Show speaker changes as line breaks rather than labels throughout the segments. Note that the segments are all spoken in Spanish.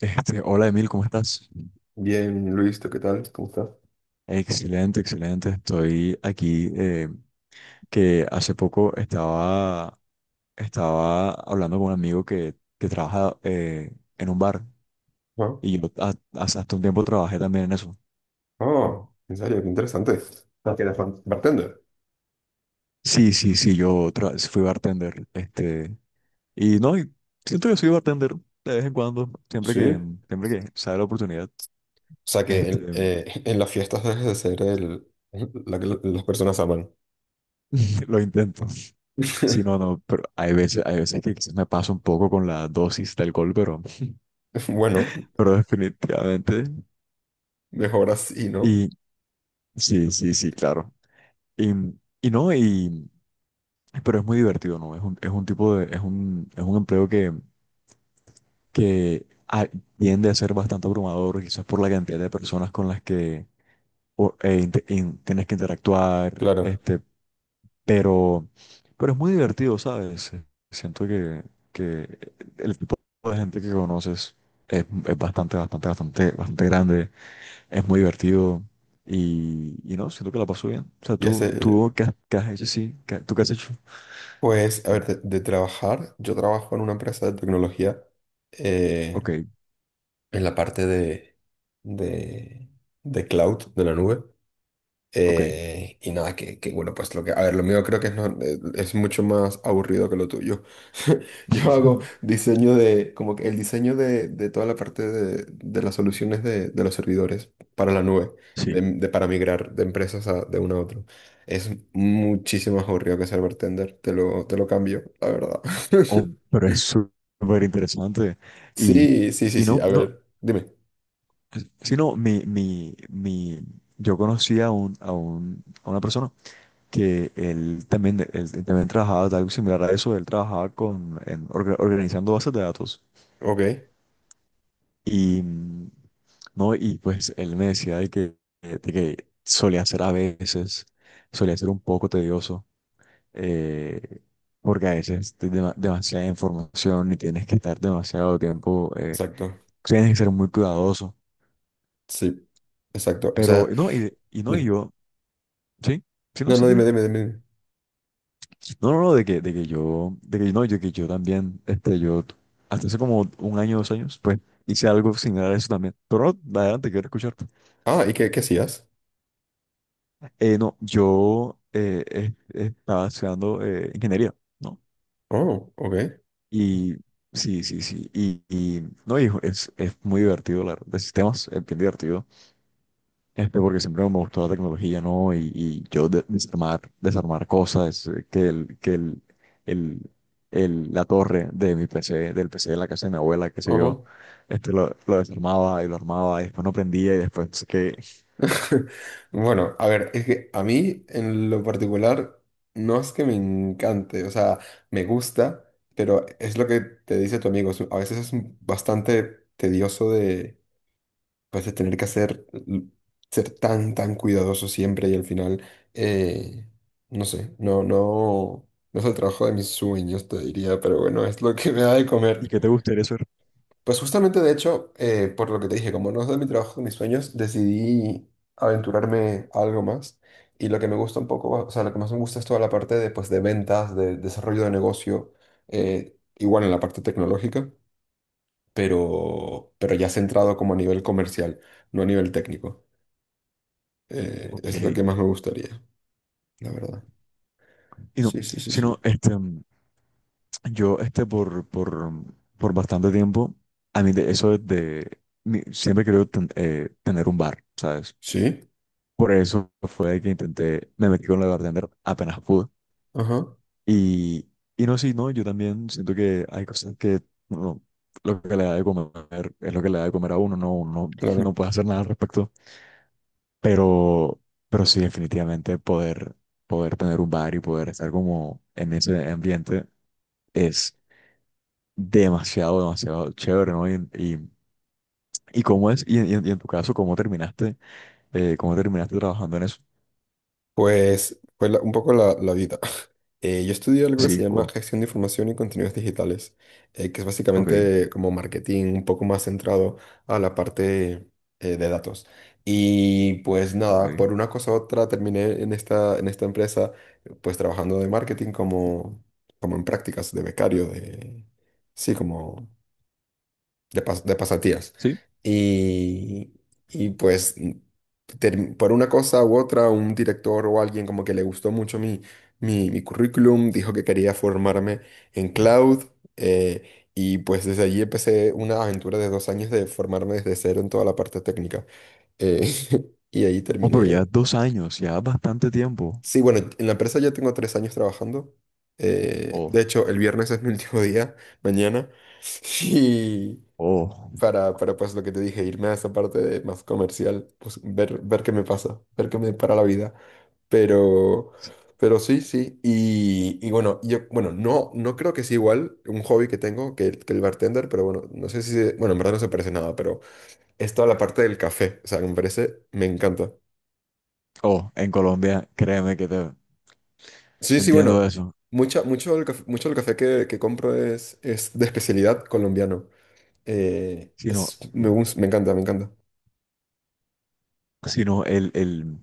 Hola Emil, ¿cómo estás?
Bien, Luis, ¿tú qué tal? ¿Cómo estás?
Excelente, excelente. Estoy aquí, que hace poco estaba hablando con un amigo que trabaja en un bar
Ah,
y yo hace hasta un tiempo trabajé también en eso.
ah, en serio, qué interesante. Ah, que eres bartender.
Sí, sí, sí, yo fui bartender. Y no, siento que soy bartender de vez en cuando,
Sí. O
siempre que sale la oportunidad,
sea que en,
este,
eh, en las fiestas debes de ser el, la que las personas aman.
lo intento. Sí, no, no, pero hay veces que quizás me paso un poco con la dosis de alcohol, pero
Bueno,
Pero definitivamente.
mejor así, ¿no?
Y sí, sí, sí, claro. Y, y no, pero es muy divertido, ¿no? Es un, es un empleo que tiende a ser bastante abrumador, quizás por la cantidad de personas con las que tienes que interactuar,
Claro.
pero, pero es muy divertido, ¿sabes? Siento que el tipo de gente que conoces es bastante, bastante, bastante, bastante grande. Es muy divertido y no, siento que la paso bien. O sea,
Y
tú,
ese,
tú qué has hecho, sí, ¿tú qué has hecho?
pues, a ver, de trabajar, yo trabajo en una empresa de tecnología
Ok,
eh, en la parte de, de cloud, de la nube.
ok.
Y nada, que bueno, pues lo que, a ver, lo mío creo que es, es mucho más aburrido que lo tuyo. Yo hago
Ujú.
diseño de, como que el diseño de toda la parte de las soluciones de los servidores para la nube,
Sí.
de, para migrar de empresas de una a otra. Es muchísimo más aburrido que ser bartender, te lo cambio, la verdad.
Oh, pero es súper interesante. Y,
Sí, sí, sí,
y
sí,
no,
a
no,
ver, dime.
sino mi, mi, mi, yo conocí a un, a una persona que él también trabajaba de algo similar a eso, él trabajaba organizando bases de datos.
Ok,
Y, mm, no, y pues él me decía de que solía ser un poco tedioso, eh, porque a veces te demasiada información y tienes que estar demasiado tiempo,
exacto,
tienes que ser muy cuidadoso.
sí, exacto, o
Pero
sea,
no,
dime.
sí, sí, no,
No,
sí,
no, dime,
dime.
dime, dime. Dime.
No, no, no, de que yo, de que no, yo que yo también, yo hasta hace como un año, 2 años, pues hice algo similar a eso también. Pero no, adelante, quiero escucharte.
Ah, ¿y qué, qué hacías?
No, yo estaba estudiando ingeniería, ¿no?
Oh, ok.
Y sí, sí, sí. No, hijo, es muy divertido hablar de sistemas, es bien divertido, porque siempre me gustó la tecnología, ¿no? Desarmar cosas, que el, el- la torre de mi PC, del PC de la casa de mi abuela, qué sé
Ajá.
yo, lo desarmaba y lo armaba, y después no prendía, y después
Bueno, a ver, es que a mí en lo particular no es que me encante, o sea, me gusta, pero es lo que te dice tu amigo, es a veces es bastante tedioso de, pues, de tener que hacer, ser tan, tan cuidadoso siempre y al final, eh, no sé, no, no, no es el trabajo de mis sueños, te diría, pero bueno, es lo que me da de
¿y
comer.
que te gustaría hacer?
Pues justamente, de hecho, por lo que te dije, como no es de mi trabajo, de mis sueños, decidí aventurarme a algo más. Y lo que me gusta un poco, o sea, lo que más me gusta es toda la parte de, pues, de ventas, de desarrollo de negocio, igual en la parte tecnológica, pero ya centrado como a nivel comercial, no a nivel técnico.
Ok.
Es lo que más me gustaría, la verdad.
Y no,
Sí, sí, sí, sí.
sino, este. Yo, este, por, por, por bastante tiempo, a mí de, eso es de, mi- siempre quiero tener un bar, ¿sabes?
Sí,
Por eso fue que intenté, me metí con la bartender apenas pude.
ajá,
Y, y no, sí, no, yo también siento que hay cosas no, lo que le da de comer es lo que le da de comer a uno, no, uno no
claro.
puede hacer nada al respecto. Pero, pero sí, definitivamente poder tener un bar y poder estar como en ese ambiente es demasiado, demasiado chévere, ¿no? Y en tu caso, ¿cómo terminaste trabajando en eso?
Pues fue un poco la, la vida. Yo estudio algo que
Sí,
se llama
o
gestión de información y contenidos digitales, que es
ok,
básicamente como marketing un poco más centrado a la parte de datos. Y pues nada, por
ok,
una cosa u otra terminé en esta empresa pues trabajando de marketing como, como en prácticas de becario, de... Sí, como de, de pasatías.
sí.
Y, y pues por una cosa u otra, un director o alguien como que le gustó mucho mi, mi, mi currículum, dijo que quería formarme en cloud. Y pues desde allí empecé una aventura de 2 años de formarme desde cero en toda la parte técnica. Eh, y ahí
Oh, pero ya
terminé.
dos años, ya bastante tiempo.
Sí, bueno, en la empresa ya tengo 3 años trabajando. De
Oh,
hecho, el viernes es mi último día, mañana. Y,
oh,
para pues lo que te dije, irme a esa parte de más comercial, pues ver, ver qué me pasa, ver qué me depara la vida. Pero, pero sí, sí. Y bueno, yo, bueno, no, no creo que sea igual un hobby que tengo que, que el bartender, pero bueno, no sé si, bueno, en verdad no se parece nada, pero es toda la parte del café, o sea, que me parece, me encanta.
oh, en Colombia, créeme que te
Sí, sí, bueno,
entiendo eso.
mucha, mucho del café que compro es de especialidad colombiano.
Sino,
Es, me, me encanta, me encanta.
sino el,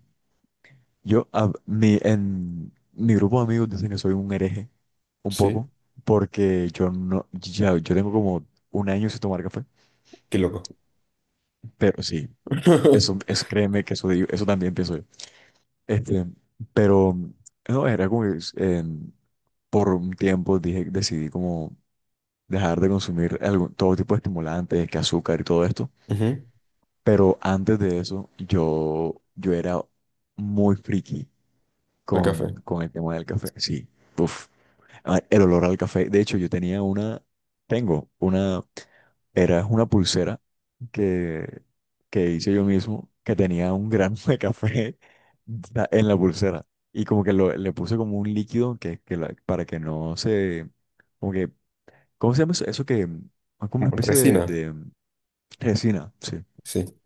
yo, a mi, En mi grupo de amigos dicen que soy un hereje, un poco,
Sí,
porque yo no, ya, yo tengo como un año sin tomar café,
qué loco.
pero sí. Eso, eso créeme que eso también pienso yo. Este, pero no, era como que por un tiempo decidí como dejar de consumir todo tipo de estimulantes, que azúcar y todo esto.
Ujú.
Pero antes de eso, yo era muy friki
El café.
con el tema del café. Sí, uf, ah, el olor al café. De hecho, yo tenía una, tengo una. Era una pulsera que, que hice yo mismo, que tenía un grano de café en la pulsera. Y como que le puse como un líquido para que no se... Como que, ¿cómo se llama eso? Eso que es como una especie de,
Resina,
de resina, sí.
sí.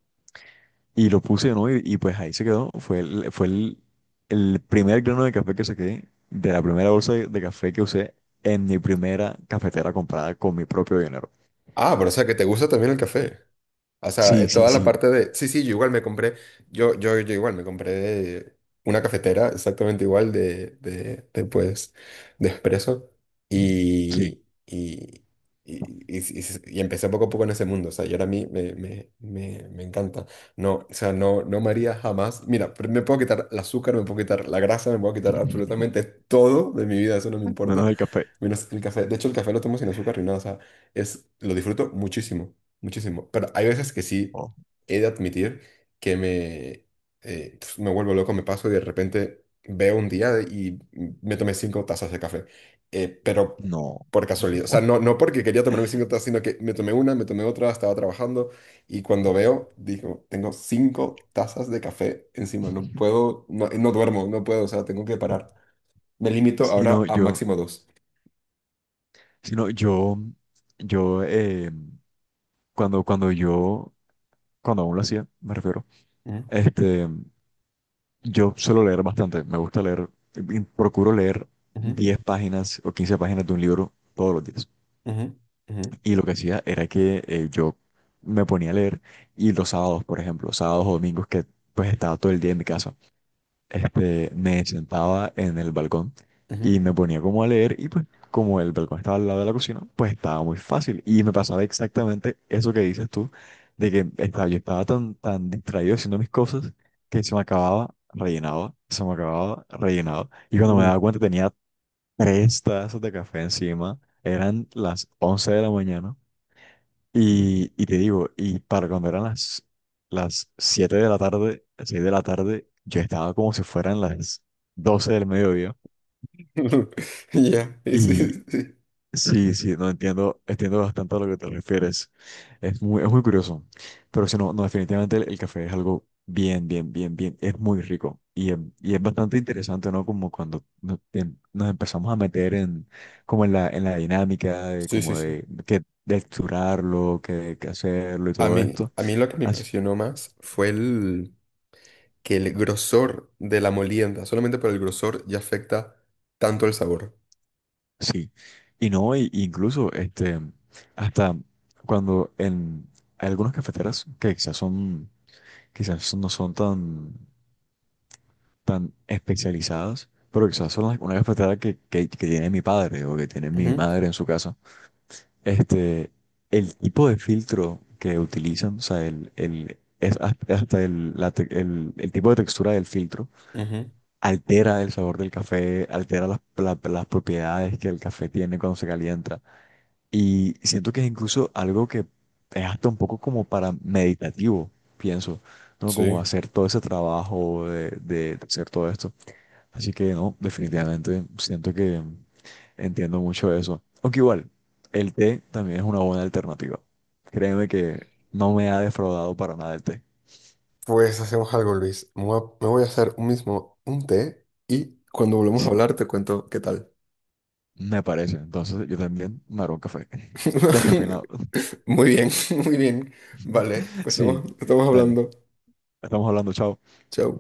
Y lo puse, ¿no? Y pues ahí se quedó. Fue el primer grano de café que saqué de la primera bolsa de café que usé en mi primera cafetera comprada con mi propio dinero.
Ah, pero o sea que te gusta también el café. O sea,
Sí, sí,
toda la
sí,
parte de... Sí, sí, yo igual me compré, yo igual me compré una cafetera exactamente igual de pues, de espresso
sí.
y, y, y y empecé poco a poco en ese mundo. O sea, y ahora a mí me me encanta. No, o sea, no, no me haría jamás... Mira, pero me puedo quitar el azúcar, me puedo quitar la grasa, me puedo quitar absolutamente todo de mi vida, eso no me
Menos
importa.
el café.
Menos el café. De hecho, el café lo tomo sin azúcar ni nada. O sea, es, lo disfruto muchísimo. Muchísimo. Pero hay veces que sí he de admitir que me, me vuelvo loco, me paso y de repente veo un día y me tomé 5 tazas de café. Pero
No.
por casualidad. O sea, no, no porque quería tomarme 5 tazas, sino que me tomé una, me tomé otra, estaba trabajando y cuando veo, digo, tengo 5 tazas de café encima. No puedo, no, no duermo, no puedo, o sea, tengo que parar. Me limito ahora
Sino
a
yo,
máximo dos.
sino yo, yo, eh, cuando, cuando yo, cuando aún lo hacía, me refiero,
Ujú,
este, yo suelo leer bastante, me gusta leer, y procuro leer
ujú,
10 páginas o 15 páginas de un libro todos los días.
ujú, ujú,
Y lo que hacía era que yo me ponía a leer y los sábados, por ejemplo, sábados o domingos que pues estaba todo el día en mi casa, me sentaba en el balcón y me ponía como a leer y pues como el balcón estaba al lado de la cocina, pues estaba muy fácil y me pasaba exactamente eso que dices tú, de que estaba, yo estaba tan, tan distraído haciendo mis cosas que se me acababa, rellenaba, se me acababa, rellenaba y cuando me
ujú.
daba cuenta tenía 3 tazas de café encima, eran las 11 de la mañana y te digo, y para cuando eran las 7 de la tarde, 6 de la tarde, yo estaba como si fueran las 12 del mediodía.
Ya,
Y
sí,
sí, sí, no entiendo, entiendo bastante a lo que te refieres. Es muy curioso. Pero si no, no, definitivamente el café es algo bien, bien, bien, bien, es muy rico. Y es bastante interesante, ¿no? Como cuando nos empezamos a meter en la dinámica
sí, sí. Sí.
de texturarlo, que hacerlo y todo esto.
A mí lo que me impresionó más fue el que el grosor de la molienda, solamente por el grosor, ya afecta tanto el sabor.
Sí, y no, incluso hasta cuando en hay algunas cafeteras quizás no son tan, tan especializadas, pero quizás son una cafetera que tiene mi padre o que tiene mi
Ujú,
madre en su casa, este, el tipo de filtro que utilizan, o sea, es hasta el, la te- el tipo de textura del filtro
ujú.
altera el sabor del café, altera las propiedades que el café tiene cuando se calienta. Y siento que es incluso algo que es hasta un poco como para meditativo, pienso, ¿no? Como
Sí.
hacer todo ese trabajo de hacer todo esto. Así que no, definitivamente siento que entiendo mucho eso. Aunque igual, el té también es una buena alternativa. Créeme que no me ha defraudado para nada el té.
Pues hacemos algo, Luis. Me voy a hacer un mismo un té y cuando volvamos a hablar te cuento qué tal.
Me parece. Entonces yo también me haré un café. Descafeinado.
Muy bien, muy bien. Vale, pues estamos,
Sí,
estamos
dale.
hablando.
Estamos hablando, chao.
Chao.